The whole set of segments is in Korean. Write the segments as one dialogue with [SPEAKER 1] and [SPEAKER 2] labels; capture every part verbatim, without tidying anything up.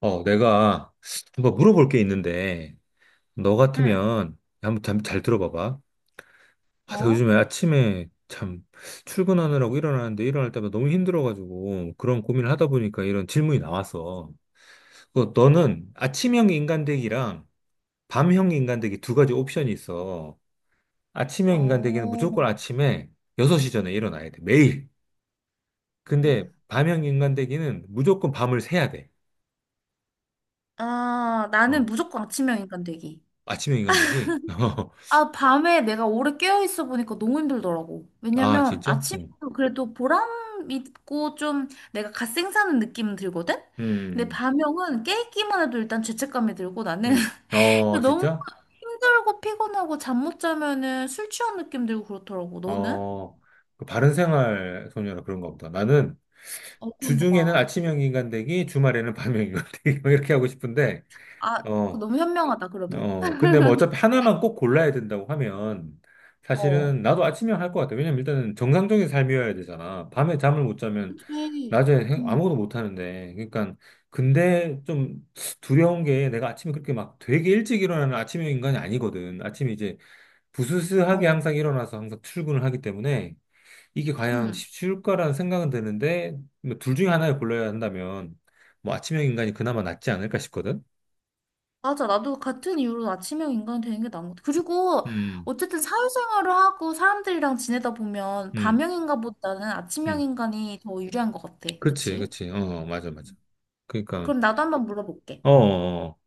[SPEAKER 1] 어, 내가 한번 물어볼 게 있는데, 너
[SPEAKER 2] 응.
[SPEAKER 1] 같으면 한번 잠- 잘 들어봐봐. 아, 나
[SPEAKER 2] 어?
[SPEAKER 1] 요즘에 아침에 참 출근하느라고 일어나는데 일어날 때마다 너무 힘들어가지고 그런 고민을 하다 보니까 이런 질문이 나왔어. 그 너는 아침형 인간되기랑 밤형 인간되기 두 가지 옵션이 있어. 아침형 인간되기는 무조건
[SPEAKER 2] 어.
[SPEAKER 1] 아침에 여섯 시 전에 일어나야 돼. 매일. 근데
[SPEAKER 2] 응.
[SPEAKER 1] 밤형 인간되기는 무조건 밤을 새야 돼.
[SPEAKER 2] 아, 나는
[SPEAKER 1] 어,
[SPEAKER 2] 무조건 아침형 인간 되기.
[SPEAKER 1] 아침형 인간되기?
[SPEAKER 2] 아, 밤에 내가 오래 깨어 있어 보니까 너무 힘들더라고.
[SPEAKER 1] 아,
[SPEAKER 2] 왜냐면
[SPEAKER 1] 진짜?
[SPEAKER 2] 아침에
[SPEAKER 1] 응.
[SPEAKER 2] 그래도 보람 있고 좀 내가 갓 생사는 느낌은 들거든? 근데
[SPEAKER 1] 음,
[SPEAKER 2] 밤형은 깨있기만 해도 일단 죄책감이 들고 나는
[SPEAKER 1] 음. 어,
[SPEAKER 2] 너무
[SPEAKER 1] 진짜?
[SPEAKER 2] 힘들고 피곤하고 잠 못 자면은 술 취한 느낌 들고 그렇더라고. 너는?
[SPEAKER 1] 어, 그 바른생활 소녀라 그런가 보다. 나는
[SPEAKER 2] 어, 그런가
[SPEAKER 1] 주중에는
[SPEAKER 2] 봐.
[SPEAKER 1] 아침형 인간되기, 주말에는 밤형 인간되기, 뭐 이렇게 하고 싶은데,
[SPEAKER 2] 아, 그
[SPEAKER 1] 어,
[SPEAKER 2] 너무 현명하다, 그러면.
[SPEAKER 1] 어, 근데 뭐 어차피 하나만 꼭 골라야 된다고 하면,
[SPEAKER 2] 어.
[SPEAKER 1] 사실은 나도 아침형 할 것 같아. 왜냐면 일단은 정상적인 삶이어야 되잖아. 밤에 잠을 못 자면
[SPEAKER 2] 그치.
[SPEAKER 1] 낮에 행-
[SPEAKER 2] 응.
[SPEAKER 1] 아무것도 못 하는데. 그러니까, 근데 좀 두려운 게 내가 아침에 그렇게 막 되게 일찍 일어나는 아침형 인간이 아니거든. 아침에 이제 부스스하게
[SPEAKER 2] 어.
[SPEAKER 1] 항상 일어나서 항상 출근을 하기 때문에 이게 과연
[SPEAKER 2] 응.
[SPEAKER 1] 쉬울까라는 생각은 드는데 뭐둘 중에 하나를 골라야 한다면 뭐 아침형 인간이 그나마 낫지 않을까 싶거든.
[SPEAKER 2] 맞아. 나도 같은 이유로 아침형 인간이 되는 게 나은 것 같아. 그리고
[SPEAKER 1] 음,
[SPEAKER 2] 어쨌든 사회생활을 하고 사람들이랑 지내다 보면
[SPEAKER 1] 음,
[SPEAKER 2] 밤형 인간보다는 아침형
[SPEAKER 1] 음.
[SPEAKER 2] 인간이 더 유리한 것 같아.
[SPEAKER 1] 그렇지,
[SPEAKER 2] 그치?
[SPEAKER 1] 그렇지. 어, 어, 맞아, 맞아. 그러니까,
[SPEAKER 2] 그럼 나도 한번 물어볼게.
[SPEAKER 1] 어, 어, 어.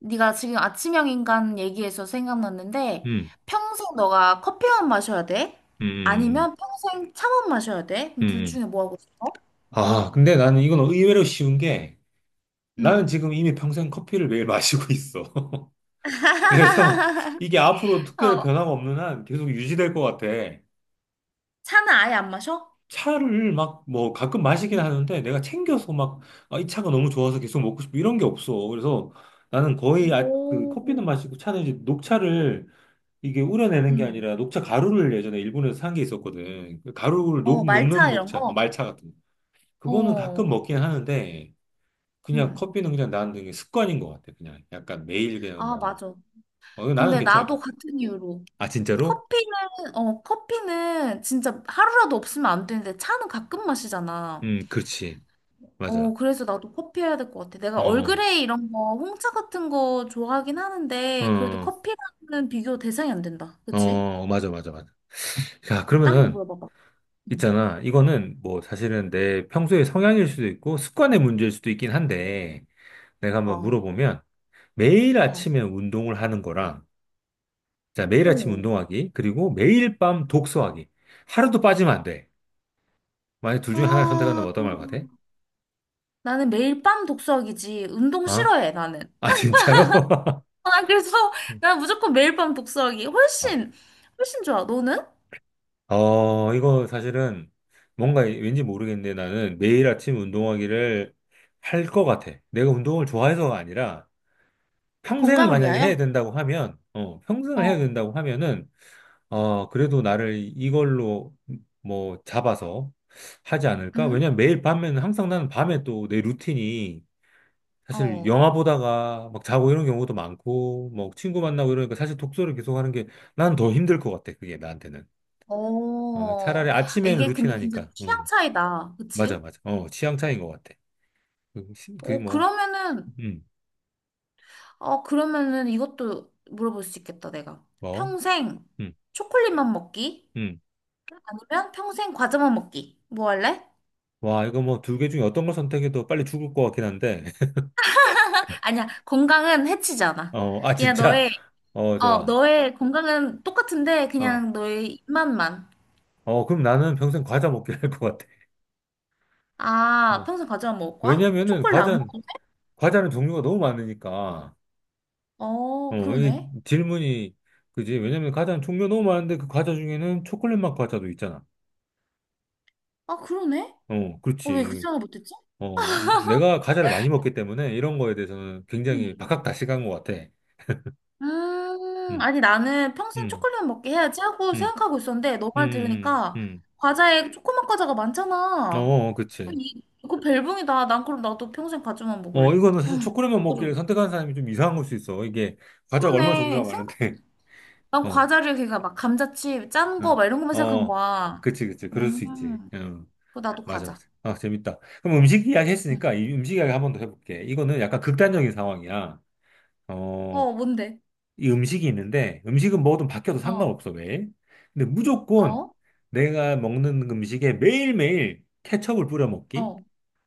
[SPEAKER 2] 네가 지금 아침형 인간 얘기해서 생각났는데
[SPEAKER 1] 음,
[SPEAKER 2] 평생 너가 커피만 마셔야 돼?
[SPEAKER 1] 음,
[SPEAKER 2] 아니면 평생 차만 마셔야 돼?
[SPEAKER 1] 음,
[SPEAKER 2] 그럼 둘
[SPEAKER 1] 음. 음.
[SPEAKER 2] 중에 뭐 하고 싶어?
[SPEAKER 1] 아, 근데 나는 이건 의외로 쉬운 게 나는
[SPEAKER 2] 응.
[SPEAKER 1] 지금 이미 평생 커피를 매일 마시고 있어. 그래서 이게 앞으로 특별히
[SPEAKER 2] 어,
[SPEAKER 1] 변화가 없는 한 계속 유지될 것 같아.
[SPEAKER 2] 차는 아예 안 마셔?
[SPEAKER 1] 차를 막 뭐 가끔 마시긴
[SPEAKER 2] 응.
[SPEAKER 1] 하는데 내가 챙겨서 막, 아, 이 차가 너무 좋아서 계속 먹고 싶고 이런 게 없어. 그래서 나는 거의 아, 그
[SPEAKER 2] 오.
[SPEAKER 1] 커피는 마시고 차는 이제 녹차를 이게 우려내는 게
[SPEAKER 2] 응.
[SPEAKER 1] 아니라 녹차 가루를 예전에 일본에서 산 게 있었거든. 그 가루를
[SPEAKER 2] 어,
[SPEAKER 1] 녹, 녹는
[SPEAKER 2] 말차 이런
[SPEAKER 1] 녹차, 어,
[SPEAKER 2] 거?
[SPEAKER 1] 말차 같은 거. 그거는 가끔
[SPEAKER 2] 어.
[SPEAKER 1] 먹긴 하는데 그냥
[SPEAKER 2] 응,
[SPEAKER 1] 커피는 그냥 나는 그게 습관인 것 같아. 그냥 약간 매일 그냥
[SPEAKER 2] 아,
[SPEAKER 1] 먹는 게.
[SPEAKER 2] 맞아.
[SPEAKER 1] 어, 나는
[SPEAKER 2] 근데
[SPEAKER 1] 괜찮을
[SPEAKER 2] 나도
[SPEAKER 1] 것 같아.
[SPEAKER 2] 같은 이유로.
[SPEAKER 1] 아, 진짜로?
[SPEAKER 2] 커피는, 어, 커피는 진짜 하루라도 없으면 안 되는데 차는 가끔 마시잖아.
[SPEAKER 1] 음, 그렇지. 맞아.
[SPEAKER 2] 어, 그래서 나도 커피 해야 될 것 같아. 내가
[SPEAKER 1] 어,
[SPEAKER 2] 얼그레이 이런 거, 홍차 같은 거 좋아하긴 하는데, 그래도
[SPEAKER 1] 어,
[SPEAKER 2] 커피랑은 비교 대상이 안 된다. 그치?
[SPEAKER 1] 어, 맞아, 맞아, 맞아. 자,
[SPEAKER 2] 딴거
[SPEAKER 1] 그러면은
[SPEAKER 2] 물어봐봐. 응.
[SPEAKER 1] 있잖아. 이거는 뭐 사실은 내 평소의 성향일 수도 있고 습관의 문제일 수도 있긴 한데 내가 한번
[SPEAKER 2] 어,
[SPEAKER 1] 물어보면 매일
[SPEAKER 2] 어,
[SPEAKER 1] 아침에 운동을 하는 거랑 자, 매일 아침
[SPEAKER 2] 어.
[SPEAKER 1] 운동하기 그리고 매일 밤 독서하기 하루도 빠지면 안 돼. 만약 둘 중에 하나를
[SPEAKER 2] 아,
[SPEAKER 1] 선택한다면 어떤 말 같아?
[SPEAKER 2] 나는 매일 밤 독서하기지. 운동
[SPEAKER 1] 아?
[SPEAKER 2] 싫어해, 나는.
[SPEAKER 1] 아 진짜로?
[SPEAKER 2] 아, 그래서 난 무조건 매일 밤 독서하기
[SPEAKER 1] 아.
[SPEAKER 2] 훨씬 훨씬 좋아. 너는?
[SPEAKER 1] 어, 이거 사실은 뭔가 왠지 모르겠는데 나는 매일 아침 운동하기를 할 것 같아. 내가 운동을 좋아해서가 아니라 평생을
[SPEAKER 2] 건강을
[SPEAKER 1] 만약에 해야
[SPEAKER 2] 위하여?
[SPEAKER 1] 된다고 하면, 어, 평생을 해야
[SPEAKER 2] 어.
[SPEAKER 1] 된다고 하면은, 어, 그래도 나를 이걸로 뭐 잡아서 하지 않을까?
[SPEAKER 2] 응?
[SPEAKER 1] 왜냐면 매일 밤에는 항상 나는 밤에 또 내 루틴이 사실
[SPEAKER 2] 어.
[SPEAKER 1] 영화 보다가 막 자고 이런 경우도 많고, 뭐 친구 만나고 이러니까 사실 독서를 계속 하는 게 난 더 힘들 것 같아. 그게 나한테는. 어, 차라리
[SPEAKER 2] 어.
[SPEAKER 1] 아침에는
[SPEAKER 2] 이게
[SPEAKER 1] 루틴
[SPEAKER 2] 근데 진짜
[SPEAKER 1] 하니까.
[SPEAKER 2] 취향
[SPEAKER 1] 음,
[SPEAKER 2] 차이다.
[SPEAKER 1] 맞아,
[SPEAKER 2] 그치?
[SPEAKER 1] 맞아. 어, 취향 차이인 것 같아. 그, 시- 그게
[SPEAKER 2] 어,
[SPEAKER 1] 뭐,
[SPEAKER 2] 그러면은
[SPEAKER 1] 음,
[SPEAKER 2] 어, 그러면은 이것도 물어볼 수 있겠다, 내가.
[SPEAKER 1] 뭐,
[SPEAKER 2] 평생
[SPEAKER 1] 음,
[SPEAKER 2] 초콜릿만 먹기?
[SPEAKER 1] 음.
[SPEAKER 2] 아니면 평생 과자만 먹기? 뭐 할래?
[SPEAKER 1] 와, 이거 뭐 두 개 중에 어떤 걸 선택해도 빨리 죽을 것 같긴 한데.
[SPEAKER 2] 아니야. 건강은 해치지 않아.
[SPEAKER 1] 어, 아,
[SPEAKER 2] 그냥
[SPEAKER 1] 진짜.
[SPEAKER 2] 너의
[SPEAKER 1] 어,
[SPEAKER 2] 어,
[SPEAKER 1] 좋아.
[SPEAKER 2] 너의 건강은 똑같은데
[SPEAKER 1] 어.
[SPEAKER 2] 그냥 너의 입맛만.
[SPEAKER 1] 어, 그럼 나는 평생 과자 먹기를 할 것 같아.
[SPEAKER 2] 아,
[SPEAKER 1] 어.
[SPEAKER 2] 평소 과자만 먹을까?
[SPEAKER 1] 왜냐면은
[SPEAKER 2] 초콜릿 안
[SPEAKER 1] 과자는,
[SPEAKER 2] 먹는데?
[SPEAKER 1] 과자는 종류가 너무 많으니까.
[SPEAKER 2] 어,
[SPEAKER 1] 어, 이
[SPEAKER 2] 그러네.
[SPEAKER 1] 질문이, 그지? 왜냐면 과자는 종류가 너무 많은데 그 과자 중에는 초콜릿 맛 과자도 있잖아.
[SPEAKER 2] 아, 그러네?
[SPEAKER 1] 어,
[SPEAKER 2] 어, 왜 그
[SPEAKER 1] 그렇지.
[SPEAKER 2] 생각 못했지?
[SPEAKER 1] 어, 내가 과자를 많이 먹기 때문에 이런 거에 대해서는 굉장히
[SPEAKER 2] 음.
[SPEAKER 1] 박학다식한 것 같아.
[SPEAKER 2] 음,
[SPEAKER 1] 음,
[SPEAKER 2] 아니, 나는 평생
[SPEAKER 1] 음,
[SPEAKER 2] 초콜릿만 먹게 해야지 하고
[SPEAKER 1] 음,
[SPEAKER 2] 생각하고 있었는데, 너 말
[SPEAKER 1] 음,
[SPEAKER 2] 들으니까,
[SPEAKER 1] 음,
[SPEAKER 2] 과자에 초코맛 과자가
[SPEAKER 1] 음. 어,
[SPEAKER 2] 많잖아.
[SPEAKER 1] 어, 그치.
[SPEAKER 2] 그거 벨붕이다. 난 그럼 나도 평생 과자만
[SPEAKER 1] 어,
[SPEAKER 2] 먹을래.
[SPEAKER 1] 이거는 사실 초콜릿만 먹기를
[SPEAKER 2] 그럼.
[SPEAKER 1] 선택한 사람이 좀 이상한 걸 수 있어. 이게 과자가 얼마나 종류가
[SPEAKER 2] 그러네. 생각,
[SPEAKER 1] 많은데.
[SPEAKER 2] 난
[SPEAKER 1] 어,
[SPEAKER 2] 과자를 걔가 막 감자칩, 짠 거,
[SPEAKER 1] 응.
[SPEAKER 2] 막 이런 것만 생각한
[SPEAKER 1] 어,
[SPEAKER 2] 거야.
[SPEAKER 1] 그치, 그치. 그럴
[SPEAKER 2] 음,
[SPEAKER 1] 수 있지. 응,
[SPEAKER 2] 그거 나도
[SPEAKER 1] 맞아,
[SPEAKER 2] 과자.
[SPEAKER 1] 맞아. 아, 재밌다. 그럼 음식 이야기
[SPEAKER 2] 응.
[SPEAKER 1] 했으니까 이 음식 이야기 한번 더 해볼게. 이거는 약간 극단적인 상황이야. 어,
[SPEAKER 2] 어, 뭔데?
[SPEAKER 1] 이 음식이 있는데 음식은 뭐든 바뀌어도
[SPEAKER 2] 어,
[SPEAKER 1] 상관없어, 매일. 근데 무조건
[SPEAKER 2] 어,
[SPEAKER 1] 내가 먹는 음식에 매일매일 케첩을 뿌려 먹기?
[SPEAKER 2] 어,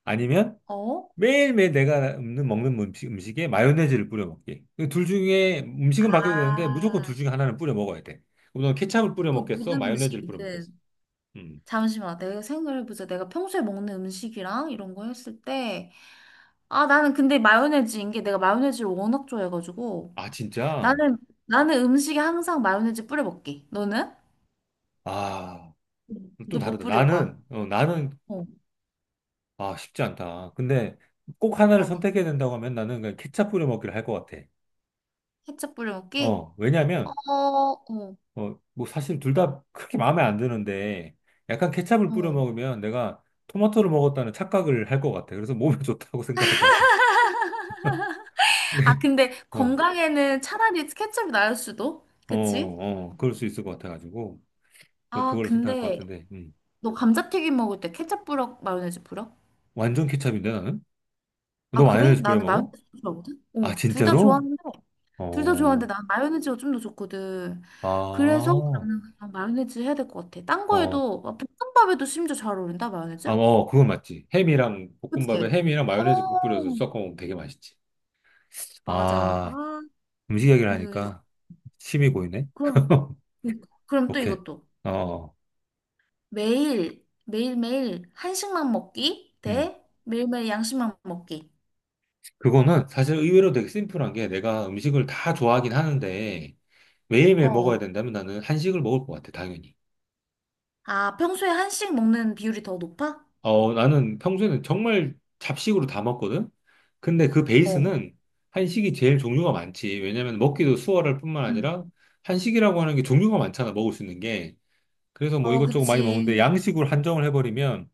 [SPEAKER 1] 아니면
[SPEAKER 2] 어.
[SPEAKER 1] 매일매일 내가 먹는, 먹는 음식, 음식에 마요네즈를 뿌려 먹기. 이둘 중에 음식은 바뀌어도 되는데 무조건 둘
[SPEAKER 2] 아,
[SPEAKER 1] 중에 하나는 뿌려 먹어야 돼. 그럼 너 케찹을 뿌려
[SPEAKER 2] 그
[SPEAKER 1] 먹겠어?
[SPEAKER 2] 모든
[SPEAKER 1] 마요네즈를 뿌려 먹겠어?
[SPEAKER 2] 음식이든.
[SPEAKER 1] 음.
[SPEAKER 2] 잠시만, 내가 생각해보자. 내가 평소에 먹는 음식이랑 이런 거 했을 때, 아, 나는 근데 마요네즈인 게 내가 마요네즈를 워낙 좋아해가지고,
[SPEAKER 1] 아, 진짜?
[SPEAKER 2] 나는, 나는 음식에 항상 마요네즈 뿌려 먹기. 너는?
[SPEAKER 1] 아, 좀
[SPEAKER 2] 너 못
[SPEAKER 1] 다르다.
[SPEAKER 2] 뿌릴 거야.
[SPEAKER 1] 나는, 어, 나는,
[SPEAKER 2] 어,
[SPEAKER 1] 아, 쉽지 않다. 근데 꼭 하나를
[SPEAKER 2] 있잖아.
[SPEAKER 1] 선택해야 된다고 하면 나는 그냥 케찹 뿌려 먹기를 할 것 같아.
[SPEAKER 2] 케첩 뿌려 먹기?
[SPEAKER 1] 어, 왜냐면,
[SPEAKER 2] 어, 어,
[SPEAKER 1] 어, 뭐 사실 둘 다 그렇게 마음에 안 드는데 약간 케찹을 뿌려
[SPEAKER 2] 어.
[SPEAKER 1] 먹으면 내가 토마토를 먹었다는 착각을 할 것 같아. 그래서 몸에 좋다고 생각할 것 같아.
[SPEAKER 2] 아,
[SPEAKER 1] 네.
[SPEAKER 2] 근데
[SPEAKER 1] 어,
[SPEAKER 2] 건강에는 차라리 케첩이 나을 수도?
[SPEAKER 1] 어,
[SPEAKER 2] 그치?
[SPEAKER 1] 어, 그럴 수 있을 것 같아가지고, 저
[SPEAKER 2] 아,
[SPEAKER 1] 그걸로 선택할 것
[SPEAKER 2] 근데
[SPEAKER 1] 같은데, 음.
[SPEAKER 2] 너 감자튀김 먹을 때 케첩 뿌려, 마요네즈 뿌려?
[SPEAKER 1] 완전 케첩인데, 나는?
[SPEAKER 2] 아,
[SPEAKER 1] 너
[SPEAKER 2] 그래?
[SPEAKER 1] 마요네즈 뿌려
[SPEAKER 2] 나는
[SPEAKER 1] 먹어?
[SPEAKER 2] 마요네즈 좋아하거든?
[SPEAKER 1] 아,
[SPEAKER 2] 어, 둘 다
[SPEAKER 1] 진짜로?
[SPEAKER 2] 좋아하는데, 둘 다 좋아하는데
[SPEAKER 1] 어,
[SPEAKER 2] 나는 마요네즈가 좀 더 좋거든.
[SPEAKER 1] 아,
[SPEAKER 2] 그래서
[SPEAKER 1] 어,
[SPEAKER 2] 나는 그냥 마요네즈 해야 될 것 같아. 딴 거에도, 막 볶음밥에도 심지어 잘 어울린다,
[SPEAKER 1] 아,
[SPEAKER 2] 마요네즈?
[SPEAKER 1] 어, 그건 맞지. 햄이랑,
[SPEAKER 2] 그치?
[SPEAKER 1] 볶음밥에 햄이랑 마요네즈 뿌려서
[SPEAKER 2] 어,
[SPEAKER 1] 섞어 먹으면 되게 맛있지.
[SPEAKER 2] 맞아.
[SPEAKER 1] 아,
[SPEAKER 2] 아,
[SPEAKER 1] 음식 얘기를
[SPEAKER 2] 이거, 이거.
[SPEAKER 1] 하니까
[SPEAKER 2] 어.
[SPEAKER 1] 침이 고이네?
[SPEAKER 2] 그럼, 그러니까. 그럼 또
[SPEAKER 1] 오케이.
[SPEAKER 2] 이것도.
[SPEAKER 1] 어, 어.
[SPEAKER 2] 매일, 매일매일 한식만 먹기
[SPEAKER 1] 음.
[SPEAKER 2] 대 매일매일 양식만 먹기.
[SPEAKER 1] 그거는 사실 의외로 되게 심플한 게 내가 음식을 다 좋아하긴 하는데, 매일매일 먹어야
[SPEAKER 2] 어.
[SPEAKER 1] 된다면 나는 한식을 먹을 것 같아, 당연히.
[SPEAKER 2] 아, 평소에 한식 먹는 비율이 더 높아?
[SPEAKER 1] 어, 나는 평소에는 정말 잡식으로 다 먹거든? 근데 그
[SPEAKER 2] 어.
[SPEAKER 1] 베이스는 한식이 제일 종류가 많지. 왜냐면 먹기도 수월할 뿐만
[SPEAKER 2] 응.
[SPEAKER 1] 아니라 한식이라고 하는 게 종류가 많잖아, 먹을 수 있는 게. 그래서 뭐
[SPEAKER 2] 어,
[SPEAKER 1] 이것저것 많이 먹는데
[SPEAKER 2] 그치.
[SPEAKER 1] 양식으로 한정을 해버리면,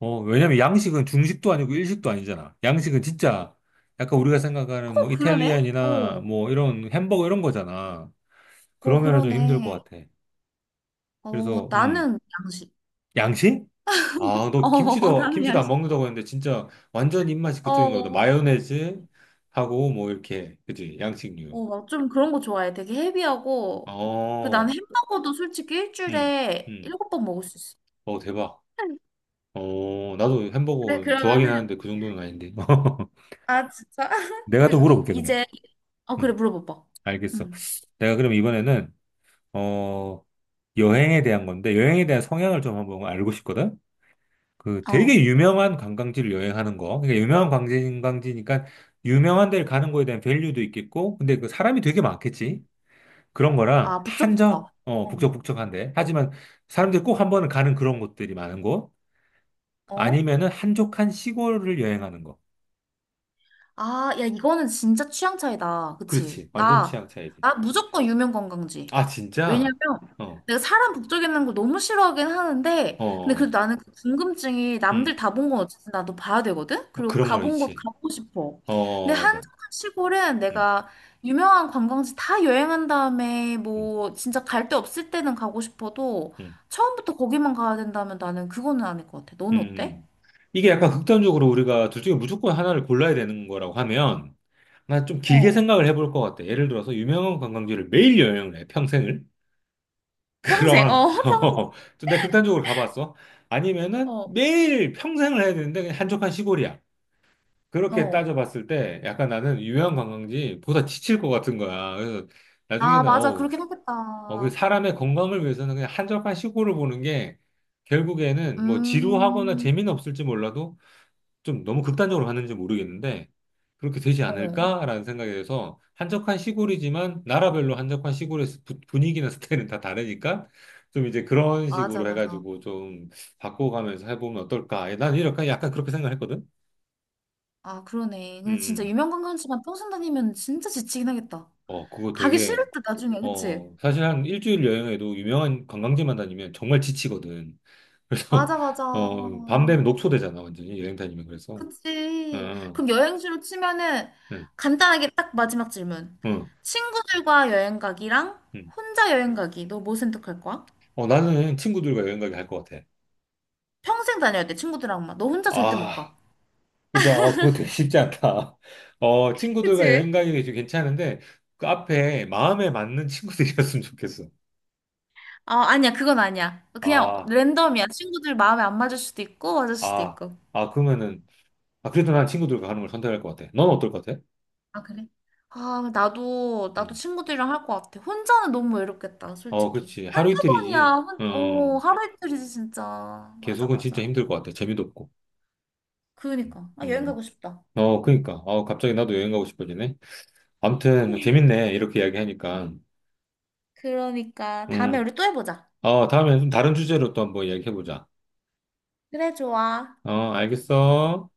[SPEAKER 1] 어, 왜냐면 양식은 중식도 아니고 일식도 아니잖아. 양식은 진짜 약간 우리가
[SPEAKER 2] 어,
[SPEAKER 1] 생각하는 뭐
[SPEAKER 2] 그러네?
[SPEAKER 1] 이탈리안이나
[SPEAKER 2] 어,
[SPEAKER 1] 뭐 이런 햄버거 이런 거잖아.
[SPEAKER 2] 어,
[SPEAKER 1] 그러면은 좀 힘들 것
[SPEAKER 2] 그러네.
[SPEAKER 1] 같아.
[SPEAKER 2] 어,
[SPEAKER 1] 그래서, 음,
[SPEAKER 2] 나는 양식.
[SPEAKER 1] 양식? 아, 너
[SPEAKER 2] 어,
[SPEAKER 1] 김치도,
[SPEAKER 2] 나는
[SPEAKER 1] 김치도 안
[SPEAKER 2] 양식.
[SPEAKER 1] 먹는다고 했는데, 진짜 완전 입맛이
[SPEAKER 2] 어,
[SPEAKER 1] 그쪽인가 보다.
[SPEAKER 2] 어,
[SPEAKER 1] 마요네즈 하고, 뭐, 이렇게. 그지? 양식류.
[SPEAKER 2] 막좀 그런 거 좋아해. 되게 헤비하고. 그, 난
[SPEAKER 1] 어,
[SPEAKER 2] 햄버거도 솔직히
[SPEAKER 1] 음,
[SPEAKER 2] 일주일에
[SPEAKER 1] 음.
[SPEAKER 2] 일곱 번 먹을 수 있어.
[SPEAKER 1] 어, 대박. 어, 나도
[SPEAKER 2] 그래,
[SPEAKER 1] 햄버거 좋아하긴
[SPEAKER 2] 그러면은,
[SPEAKER 1] 하는데, 그 정도는 아닌데.
[SPEAKER 2] 아, 진짜?
[SPEAKER 1] 내가
[SPEAKER 2] 그,
[SPEAKER 1] 또
[SPEAKER 2] 으,
[SPEAKER 1] 물어볼게, 그러면.
[SPEAKER 2] 이제, 어, 그래,
[SPEAKER 1] 음,
[SPEAKER 2] 물어봐봐.
[SPEAKER 1] 알겠어.
[SPEAKER 2] 응.
[SPEAKER 1] 내가 그럼 이번에는, 어, 여행에 대한 건데, 여행에 대한 성향을 좀 한번 알고 싶거든? 그
[SPEAKER 2] 어,
[SPEAKER 1] 되게 유명한 관광지를 여행하는 거. 그러니까 유명한 관광지, 관광지니까 유명한 데를 가는 거에 대한 밸류도 있겠고, 근데 그 사람이 되게 많겠지. 그런 거랑
[SPEAKER 2] 아, 북적북적.
[SPEAKER 1] 한적, 어,
[SPEAKER 2] 어,
[SPEAKER 1] 북적북적한데. 하지만 사람들이 꼭 한 번은 가는 그런 곳들이 많은 곳.
[SPEAKER 2] 어?
[SPEAKER 1] 아니면은 한적한 시골을 여행하는 거.
[SPEAKER 2] 아, 야, 이거는 진짜 취향 차이다. 그치?
[SPEAKER 1] 그렇지. 완전
[SPEAKER 2] 나,
[SPEAKER 1] 취향 차이지.
[SPEAKER 2] 나 무조건 유명 관광지.
[SPEAKER 1] 아,
[SPEAKER 2] 왜냐면
[SPEAKER 1] 진짜? 어,
[SPEAKER 2] 내가 사람 북적이는 걸 너무 싫어하긴 하는데, 근데
[SPEAKER 1] 어,
[SPEAKER 2] 그래도 나는 그 궁금증이
[SPEAKER 1] 음,
[SPEAKER 2] 남들 다 본 건 어쨌든 나도 봐야 되거든? 그리고
[SPEAKER 1] 그런 거
[SPEAKER 2] 가본 곳
[SPEAKER 1] 있지.
[SPEAKER 2] 가보고 싶어.
[SPEAKER 1] 어,
[SPEAKER 2] 근데
[SPEAKER 1] 맞아.
[SPEAKER 2] 한적한 시골은
[SPEAKER 1] 음,
[SPEAKER 2] 내가 유명한 관광지 다 여행한 다음에
[SPEAKER 1] 음,
[SPEAKER 2] 뭐 진짜 갈 데 없을 때는 가고 싶어도
[SPEAKER 1] 음,
[SPEAKER 2] 처음부터 거기만 가야 된다면 나는 그거는 아닐 것 같아. 너는 어때?
[SPEAKER 1] 음. 이게 약간 극단적으로 우리가 둘 중에 무조건 하나를 골라야 되는 거라고 하면, 난 좀 길게
[SPEAKER 2] 어.
[SPEAKER 1] 생각을 해볼 것 같아. 예를 들어서 유명한 관광지를 매일 여행을 해, 평생을.
[SPEAKER 2] 평생, 어,
[SPEAKER 1] 그럼
[SPEAKER 2] 평생.
[SPEAKER 1] 좀 내가 극단적으로 가봤어. 아니면은
[SPEAKER 2] 어,
[SPEAKER 1] 매일 평생을 해야 되는데 그냥 한적한 시골이야. 그렇게
[SPEAKER 2] 어.
[SPEAKER 1] 따져봤을 때 약간 나는 유명한 관광지보다 지칠 것 같은 거야. 그래서
[SPEAKER 2] 아,
[SPEAKER 1] 나중에는
[SPEAKER 2] 맞아. 그렇
[SPEAKER 1] 어우,
[SPEAKER 2] 게
[SPEAKER 1] 어, 그
[SPEAKER 2] 하겠다.
[SPEAKER 1] 사람의 건강을 위해서는 그냥 한적한 시골을 보는 게 결국에는 뭐 지루하거나
[SPEAKER 2] 음,
[SPEAKER 1] 재미는 없을지 몰라도 좀 너무 극단적으로 갔는지 모르겠는데 그렇게 되지
[SPEAKER 2] 어,
[SPEAKER 1] 않을까라는 생각이 돼서 한적한 시골이지만 나라별로 한적한 시골의 스- 부- 분위기나 스타일은 다 다르니까 좀 이제 그런
[SPEAKER 2] 맞아,
[SPEAKER 1] 식으로
[SPEAKER 2] 맞아.
[SPEAKER 1] 해가지고 좀 바꿔가면서 해보면 어떨까. 난 이렇게 약간 그렇게 생각했거든.
[SPEAKER 2] 아, 그러네.
[SPEAKER 1] 음,
[SPEAKER 2] 근데 진짜
[SPEAKER 1] 음.
[SPEAKER 2] 유명 관광지만 평생 다니면 진짜 지치긴 하겠다.
[SPEAKER 1] 어, 그거
[SPEAKER 2] 가기
[SPEAKER 1] 되게
[SPEAKER 2] 싫을 때 나중에, 그치?
[SPEAKER 1] 어 사실 한 일주일 여행에도 유명한 관광지만 다니면 정말 지치거든. 그래서
[SPEAKER 2] 맞아, 맞아.
[SPEAKER 1] 어밤 되면 녹초되잖아 완전히 여행 다니면 그래서.
[SPEAKER 2] 그치.
[SPEAKER 1] 어,
[SPEAKER 2] 그럼 여행지로 치면은
[SPEAKER 1] 응,
[SPEAKER 2] 간단하게 딱 마지막 질문.
[SPEAKER 1] 응,
[SPEAKER 2] 친구들과 여행 가기랑
[SPEAKER 1] 응.
[SPEAKER 2] 혼자 여행 가기. 너 뭐 선택할 거야?
[SPEAKER 1] 어, 나는 친구들과 여행 가기 할 것 같아.
[SPEAKER 2] 평생 다녀야 돼, 친구들하고만 너 혼자 절대 못 가.
[SPEAKER 1] 아, 근데, 어, 그거 되게 쉽지 않다. 어, 친구들과
[SPEAKER 2] 그치?
[SPEAKER 1] 여행 가기 좀 괜찮은데, 그 앞에 마음에 맞는 친구들이었으면 좋겠어.
[SPEAKER 2] 어, 아니야, 그건 아니야. 그냥
[SPEAKER 1] 아,
[SPEAKER 2] 랜덤이야. 친구들 마음에 안 맞을 수도 있고, 맞을 수도
[SPEAKER 1] 아,
[SPEAKER 2] 있고.
[SPEAKER 1] 아, 그러면은, 아, 그래도 난 친구들과 가는 걸 선택할 것 같아. 넌 어떨 것 같아?
[SPEAKER 2] 아, 그래? 아, 나도, 나도
[SPEAKER 1] 음.
[SPEAKER 2] 친구들이랑 할 것 같아. 혼자는 너무 외롭겠다,
[SPEAKER 1] 어,
[SPEAKER 2] 솔직히.
[SPEAKER 1] 그렇지. 하루
[SPEAKER 2] 한두 번이야.
[SPEAKER 1] 이틀이지.
[SPEAKER 2] 혼, 어,
[SPEAKER 1] 어,
[SPEAKER 2] 하루 이틀이지, 진짜. 맞아,
[SPEAKER 1] 계속은 진짜
[SPEAKER 2] 맞아.
[SPEAKER 1] 힘들 것 같아. 재미도 없고.
[SPEAKER 2] 그러니까. 아, 여행
[SPEAKER 1] 음.
[SPEAKER 2] 가고 싶다.
[SPEAKER 1] 어, 그러니까. 어, 갑자기 나도 여행 가고 싶어지네. 아무튼, 재밌네. 이렇게 이야기하니까.
[SPEAKER 2] 그러니까. 다음에
[SPEAKER 1] 음.
[SPEAKER 2] 우리 또 해보자.
[SPEAKER 1] 어, 다음에 좀 다른 주제로 또 한번 이야기해보자.
[SPEAKER 2] 그래, 좋아.
[SPEAKER 1] 어, 알겠어.